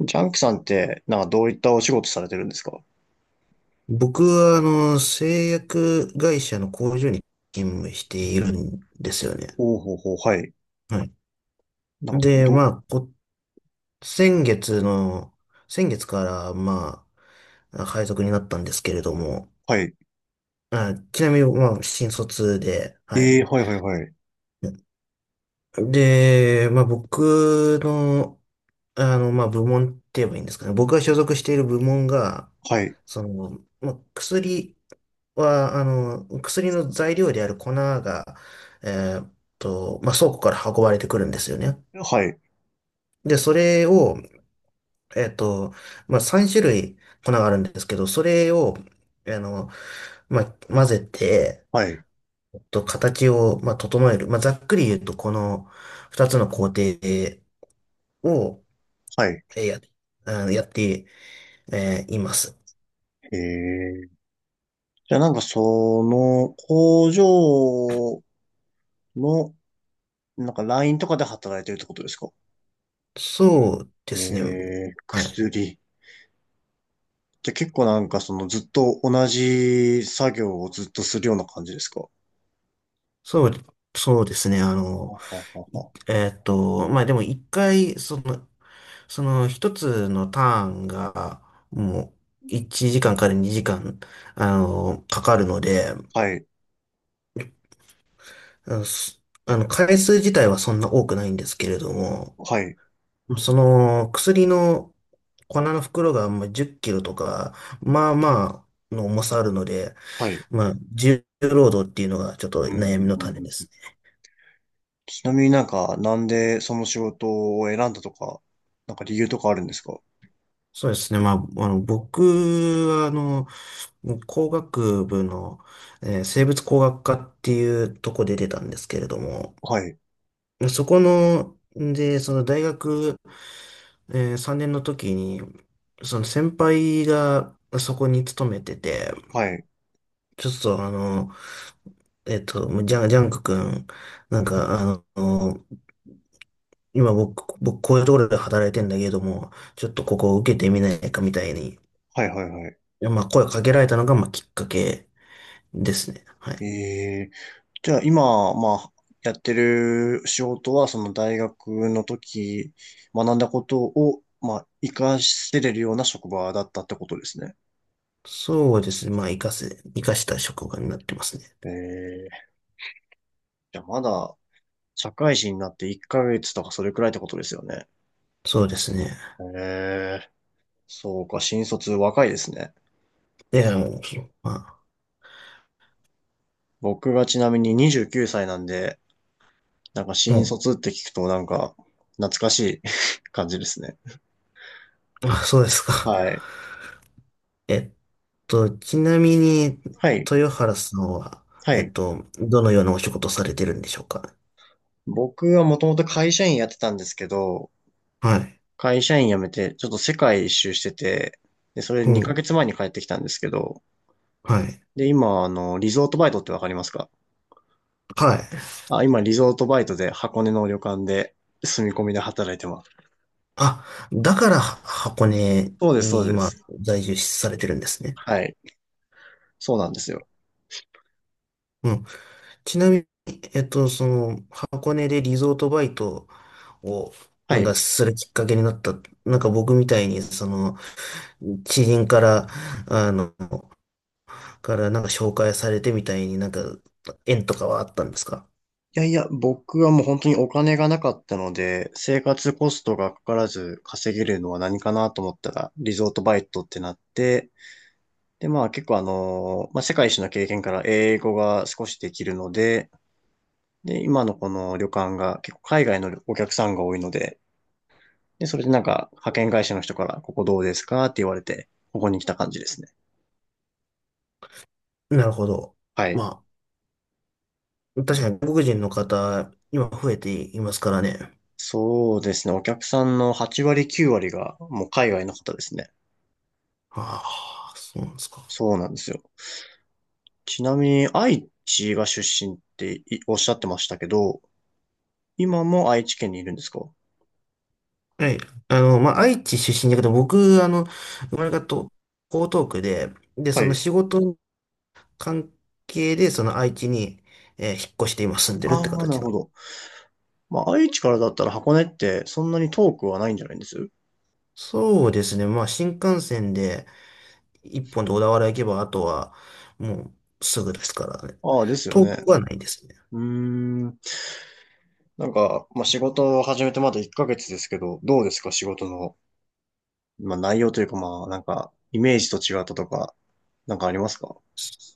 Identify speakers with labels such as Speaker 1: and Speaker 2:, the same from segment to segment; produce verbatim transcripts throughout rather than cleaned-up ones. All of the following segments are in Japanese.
Speaker 1: ジャンキさんって、なんかどういったお仕事されてるんですか？
Speaker 2: 僕は、あの、製薬会社の工場に勤務しているんですよね。
Speaker 1: おうほうほう、はい。
Speaker 2: はい。
Speaker 1: なんか、
Speaker 2: で、
Speaker 1: ど、
Speaker 2: まあ、こ、先月の、先月から、まあ、配属になったんですけれども、
Speaker 1: はい。
Speaker 2: あ、ちなみに、まあ、新卒で、はい。
Speaker 1: ええ、はいはいはい。
Speaker 2: で、まあ、僕の、あの、まあ、部門って言えばいいんですかね。僕が所属している部門が、
Speaker 1: はい、
Speaker 2: その、まあ、薬は、あの、薬の材料である粉が、えーっと、まあ、倉庫から運ばれてくるんですよね。
Speaker 1: はい、
Speaker 2: で、それを、えーっと、まあ、さんしゅるい種類粉があるんですけど、それを、あの、まあ、混ぜて、
Speaker 1: はい、
Speaker 2: えっと、形を、まあ、整える。まあ、ざっくり言うと、このふたつの工程を、
Speaker 1: はい。
Speaker 2: えーや、あのやって、えーいます。
Speaker 1: ええ、じゃあなんかその、工場の、なんかラインとかで働いてるってことですか？
Speaker 2: そうで
Speaker 1: え
Speaker 2: すね。
Speaker 1: え、
Speaker 2: はい。
Speaker 1: 薬。じゃあ結構なんかそのずっと同じ作業をずっとするような感じですか？は
Speaker 2: そう、そうですね。あ
Speaker 1: は
Speaker 2: の、
Speaker 1: は
Speaker 2: い
Speaker 1: は。
Speaker 2: えーっと、まあでもいっかい、その、そのひとつのターンが、もう、いちじかんかんからにじかん、あの、かかるので、
Speaker 1: はい、
Speaker 2: あの、すあの回数自体はそんな多くないんですけれども、
Speaker 1: はい、
Speaker 2: その、薬の粉の袋が、まあ、じゅっキロとか、まあまあ、の重さあるので、
Speaker 1: はい。
Speaker 2: まあ、重労働っていうのがちょっと
Speaker 1: うん、
Speaker 2: 悩みの
Speaker 1: うん、
Speaker 2: 種で
Speaker 1: うん。
Speaker 2: す。
Speaker 1: ちなみになんか、なんでその仕事を選んだとか、なんか理由とかあるんですか？
Speaker 2: そうですね。まあ、あの、僕は、あの、もう工学部の、えー生物工学科っていうとこで出たんですけれども、
Speaker 1: はい、
Speaker 2: そこの、で、その大学、えーさんねんの時に、その先輩がそこに勤めてて、
Speaker 1: はい、
Speaker 2: ちょっとあの、えっと、ジャン、ジャンク君、なんかあの、今僕、僕こういうところで働いてんだけれども、ちょっとここを受けてみないかみたいに、
Speaker 1: はい、はい、は
Speaker 2: まあ声をかけられたのが、まあきっかけですね。は
Speaker 1: い。
Speaker 2: い。
Speaker 1: ええ、じゃあ今、まあ、やってる仕事は、その大学の時、学んだことを、まあ、活かせれるような職場だったってことですね。
Speaker 2: そうですね。まあ、活かせ、活かした職場になってますね。
Speaker 1: ええ、じゃあまだ、社会人になっていっかげつとかそれくらいってことですよね。
Speaker 2: そうですね。
Speaker 1: ええ、そうか、新卒若いですね。
Speaker 2: いや、もう、ま
Speaker 1: 僕がちなみににじゅうきゅうさいなんで、なんか
Speaker 2: あ、
Speaker 1: 新
Speaker 2: も
Speaker 1: 卒って聞くとなんか懐かしい 感じですね。
Speaker 2: う、あ、そうですか。
Speaker 1: はい。
Speaker 2: えっと、ちなみに、
Speaker 1: はい。
Speaker 2: 豊原さんは、
Speaker 1: は
Speaker 2: えっ
Speaker 1: い。
Speaker 2: と、どのようなお仕事をされてるんでしょうか？
Speaker 1: 僕はもともと会社員やってたんですけど、
Speaker 2: はい。
Speaker 1: 会社員辞めてちょっと世界一周してて、で、それ
Speaker 2: う
Speaker 1: 2
Speaker 2: ん。
Speaker 1: ヶ月前に帰ってきたんですけど、
Speaker 2: はい。
Speaker 1: で、今、あの、リゾートバイトってわかりますか？
Speaker 2: はい。
Speaker 1: あ、今、リゾートバイトで箱根の旅館で住み込みで働いてます。
Speaker 2: あ、だから、箱根
Speaker 1: そうです、そ
Speaker 2: に
Speaker 1: うで
Speaker 2: 今、
Speaker 1: す。
Speaker 2: 在住されてるんですね。
Speaker 1: はい。そうなんですよ。
Speaker 2: うん。ちなみに、えっと、その、箱根でリゾートバイトを、
Speaker 1: は
Speaker 2: なんか
Speaker 1: い。
Speaker 2: するきっかけになった。なんか僕みたいに、その、知人から、あの、から、なんか紹介されてみたいになんか、縁とかはあったんですか？
Speaker 1: いやいや、僕はもう本当にお金がなかったので、生活コストがかからず稼げるのは何かなと思ったら、リゾートバイトってなって、で、まあ結構あの、まあ世界一の経験から英語が少しできるので、で、今のこの旅館が結構海外のお客さんが多いので、で、それでなんか派遣会社の人からここどうですかって言われて、ここに来た感じですね。
Speaker 2: なるほど。
Speaker 1: はい。
Speaker 2: まあ、確かに外国人の方、今増えていますからね。
Speaker 1: そうですね。お客さんのはち割きゅう割がもう海外の方ですね。
Speaker 2: ああ、そうなんですか。
Speaker 1: そうなんですよ。ちなみに、愛知が出身っていおっしゃってましたけど、今も愛知県にいるんですか？
Speaker 2: はい。あの、まあ、愛知出身だけど、僕、あの、生まれがと江東区で、で、
Speaker 1: は
Speaker 2: その
Speaker 1: い。
Speaker 2: 仕事の関係で、その愛知に、えー引っ越して今住んでるっ
Speaker 1: あ
Speaker 2: て
Speaker 1: あ、なる
Speaker 2: 形な
Speaker 1: ほ
Speaker 2: んで
Speaker 1: ど。
Speaker 2: す。
Speaker 1: まあ、愛知からだったら箱根ってそんなに遠くはないんじゃないんです？
Speaker 2: そうですね。まあ、新幹線でいっぽんで小田原行けば、あとはもうすぐですからね。
Speaker 1: ああ、ですよ
Speaker 2: 遠
Speaker 1: ね。
Speaker 2: くはないですね。
Speaker 1: うーん。なんか、まあ、仕事を始めてまだいっかげつですけど、どうですか仕事の、まあ、内容というか、まあ、なんか、イメージと違ったとか、なんかありますか？あ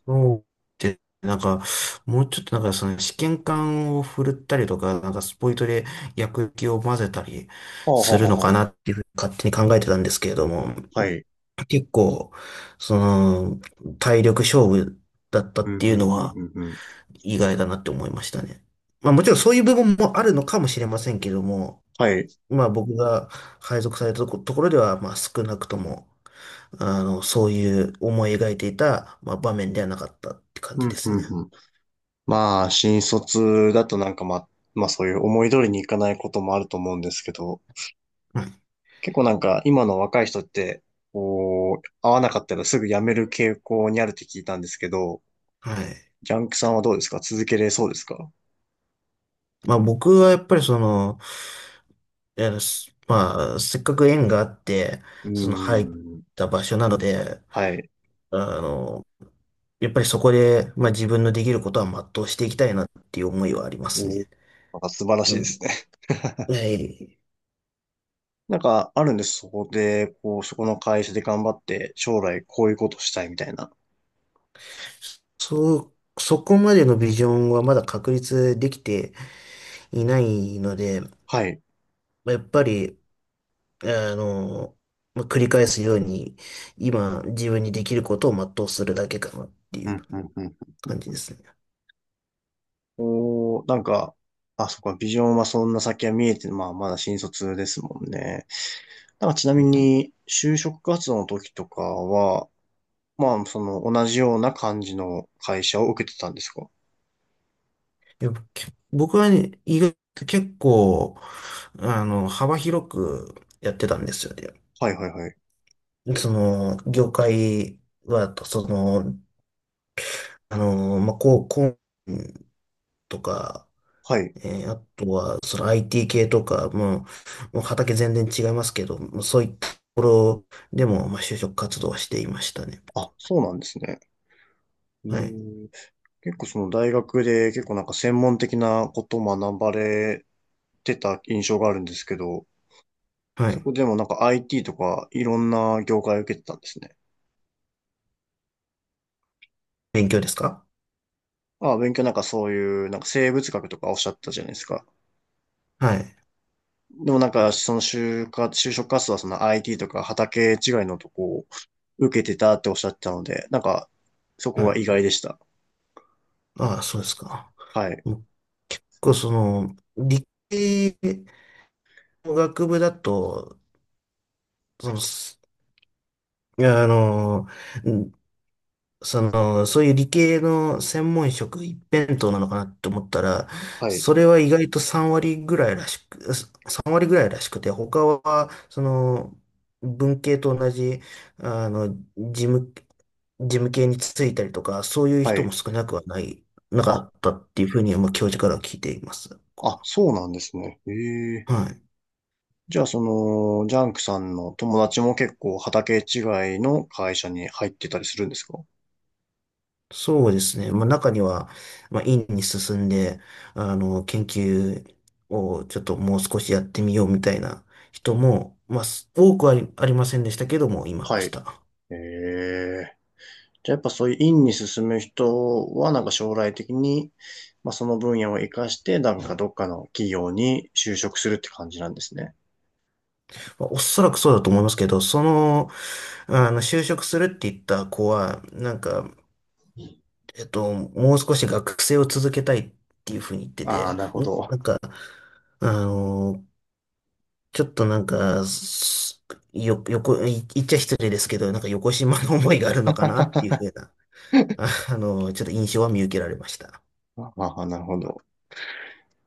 Speaker 2: そうで、なんか、もうちょっとなんかその試験管を振るったりとか、なんかスポイトで薬液を混ぜたり
Speaker 1: あ、は
Speaker 2: す
Speaker 1: は
Speaker 2: るの
Speaker 1: は
Speaker 2: かな
Speaker 1: は。
Speaker 2: っていうふうに勝手に考えてたんですけれども、
Speaker 1: はい。
Speaker 2: 結構、その、体力勝負だった
Speaker 1: うん、
Speaker 2: ってい
Speaker 1: う
Speaker 2: うの
Speaker 1: ん、うん、
Speaker 2: は
Speaker 1: うん、うん。
Speaker 2: 意外だなって思いましたね。まあもちろんそういう部分もあるのかもしれませんけども、
Speaker 1: はい。
Speaker 2: まあ僕が配属されたとこ、ところでは、まあ少なくとも、あの、そういう思い描いていた、まあ場面ではなかったって感
Speaker 1: う
Speaker 2: じで
Speaker 1: んう
Speaker 2: す
Speaker 1: ん
Speaker 2: ね。
Speaker 1: うん。まあ、新卒だとなんかまあ、まあそういう思い通りにいかないこともあると思うんですけど、
Speaker 2: うん。
Speaker 1: 結構なんか今の若い人って、こう、合わなかったらすぐ辞める傾向にあるって聞いたんですけど、
Speaker 2: はい。
Speaker 1: ジャンクさんはどうですか？続けれそうですか？
Speaker 2: まあ僕はやっぱりその、いやすまあせっかく縁があって、
Speaker 1: うー
Speaker 2: その入っ
Speaker 1: ん。
Speaker 2: た場所なので、
Speaker 1: はい。
Speaker 2: あの、やっぱりそこで、まあ自分のできることは全うしていきたいなっていう思いはありま
Speaker 1: お、
Speaker 2: す
Speaker 1: な
Speaker 2: ね。
Speaker 1: んか素晴らしい
Speaker 2: う
Speaker 1: です
Speaker 2: ん。
Speaker 1: ね。
Speaker 2: はい。
Speaker 1: なんかあるんです。そこで、こう、そこの会社で頑張って、将来こういうことしたいみたいな。
Speaker 2: そう、そこまでのビジョンはまだ確立できていないので、
Speaker 1: はい。
Speaker 2: まあやっぱり、あの、まあ繰り返すように、今自分にできることを全うするだけかなってい
Speaker 1: う
Speaker 2: う
Speaker 1: んうんうん。
Speaker 2: 感じですね。
Speaker 1: おー、なんか、あ、そっか、ビジョンはそんな先は見えて、まあ、まだ新卒ですもんね。なんかちなみに、就職活動の時とかは、まあ、その、同じような感じの会社を受けてたんですか？
Speaker 2: いやけ僕はね、意外と結構、あの、幅広くやってたんですよね。
Speaker 1: はいはいはい。
Speaker 2: その、業界は、その、あの、まあ、こう、こうとか、
Speaker 1: はい。
Speaker 2: えーあとは、その アイティー 系とか、もう、もう畑全然違いますけど、もうそういったところでも、まあ、就職活動はしていましたね。
Speaker 1: あ、そうなんですね。うー
Speaker 2: はい。
Speaker 1: ん。結構その大学で結構なんか専門的なことを学ばれてた印象があるんですけど、
Speaker 2: は
Speaker 1: そ
Speaker 2: い。
Speaker 1: こでもなんか アイティー とかいろんな業界を受けてたんですね。
Speaker 2: 勉強ですか？
Speaker 1: あ、勉強なんかそういう、なんか生物学とかおっしゃったじゃないですか。
Speaker 2: はい。
Speaker 1: でもなんか、その就活、就職活動はその アイティー とか畑違いのとこを受けてたっておっしゃってたので、なんか、そこ
Speaker 2: は
Speaker 1: が
Speaker 2: い。
Speaker 1: 意外でした。
Speaker 2: ああ、そうですか。
Speaker 1: はい。
Speaker 2: 僕、その、理系の学部だと、その、すいや、あの、その、そういう理系の専門職一辺倒なのかなって思ったら、
Speaker 1: はい。
Speaker 2: それは意外とさんわり割ぐらいらしく、さんわり割ぐらいらしくて、他は、その、文系と同じ、あの、事務、事務系に就いたりとか、そういう
Speaker 1: は
Speaker 2: 人も
Speaker 1: い。
Speaker 2: 少なくはない、なか
Speaker 1: あ、
Speaker 2: ったっていうふうに、まあ、教授からは聞いています。こ
Speaker 1: あ、そうなんですね。ええ。
Speaker 2: うはい。
Speaker 1: じゃあ、その、ジャンクさんの友達も結構畑違いの会社に入ってたりするんですか？
Speaker 2: そうですね。まあ、中には、まあ、院に進んで、あの、研究をちょっともう少しやってみようみたいな人も、まあ、す多くはありませんでしたけども、いま
Speaker 1: は
Speaker 2: し
Speaker 1: い。
Speaker 2: た。
Speaker 1: ええ。じゃあ、やっぱそういう院に進む人は、なんか将来的に、まあ、その分野を活かして、なんかどっかの企業に就職するって感じなんですね。
Speaker 2: まあ、おそらくそうだと思いますけど、その、あの、就職するって言った子は、なんか、えっと、もう少し学生を続けたいっていうふうに言って
Speaker 1: ああ、
Speaker 2: て、
Speaker 1: なるほ
Speaker 2: も
Speaker 1: ど。
Speaker 2: なんか、あの、ちょっとなんか、すよ、よこ、い言っちゃ失礼ですけど、なんかよこしまの思いがあるのかなっていうふうなああの、ちょっと印象は見受けられました。
Speaker 1: ああ、なるほど。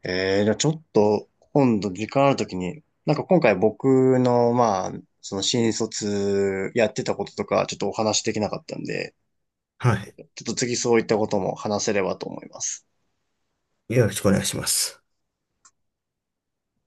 Speaker 1: えー、じゃあちょっと、今度時間あるときに、なんか今回僕の、まあ、その新卒やってたこととか、ちょっとお話できなかったんで、
Speaker 2: はい。
Speaker 1: ちょっと次そういったことも話せればと思います。
Speaker 2: よろしくお願いします。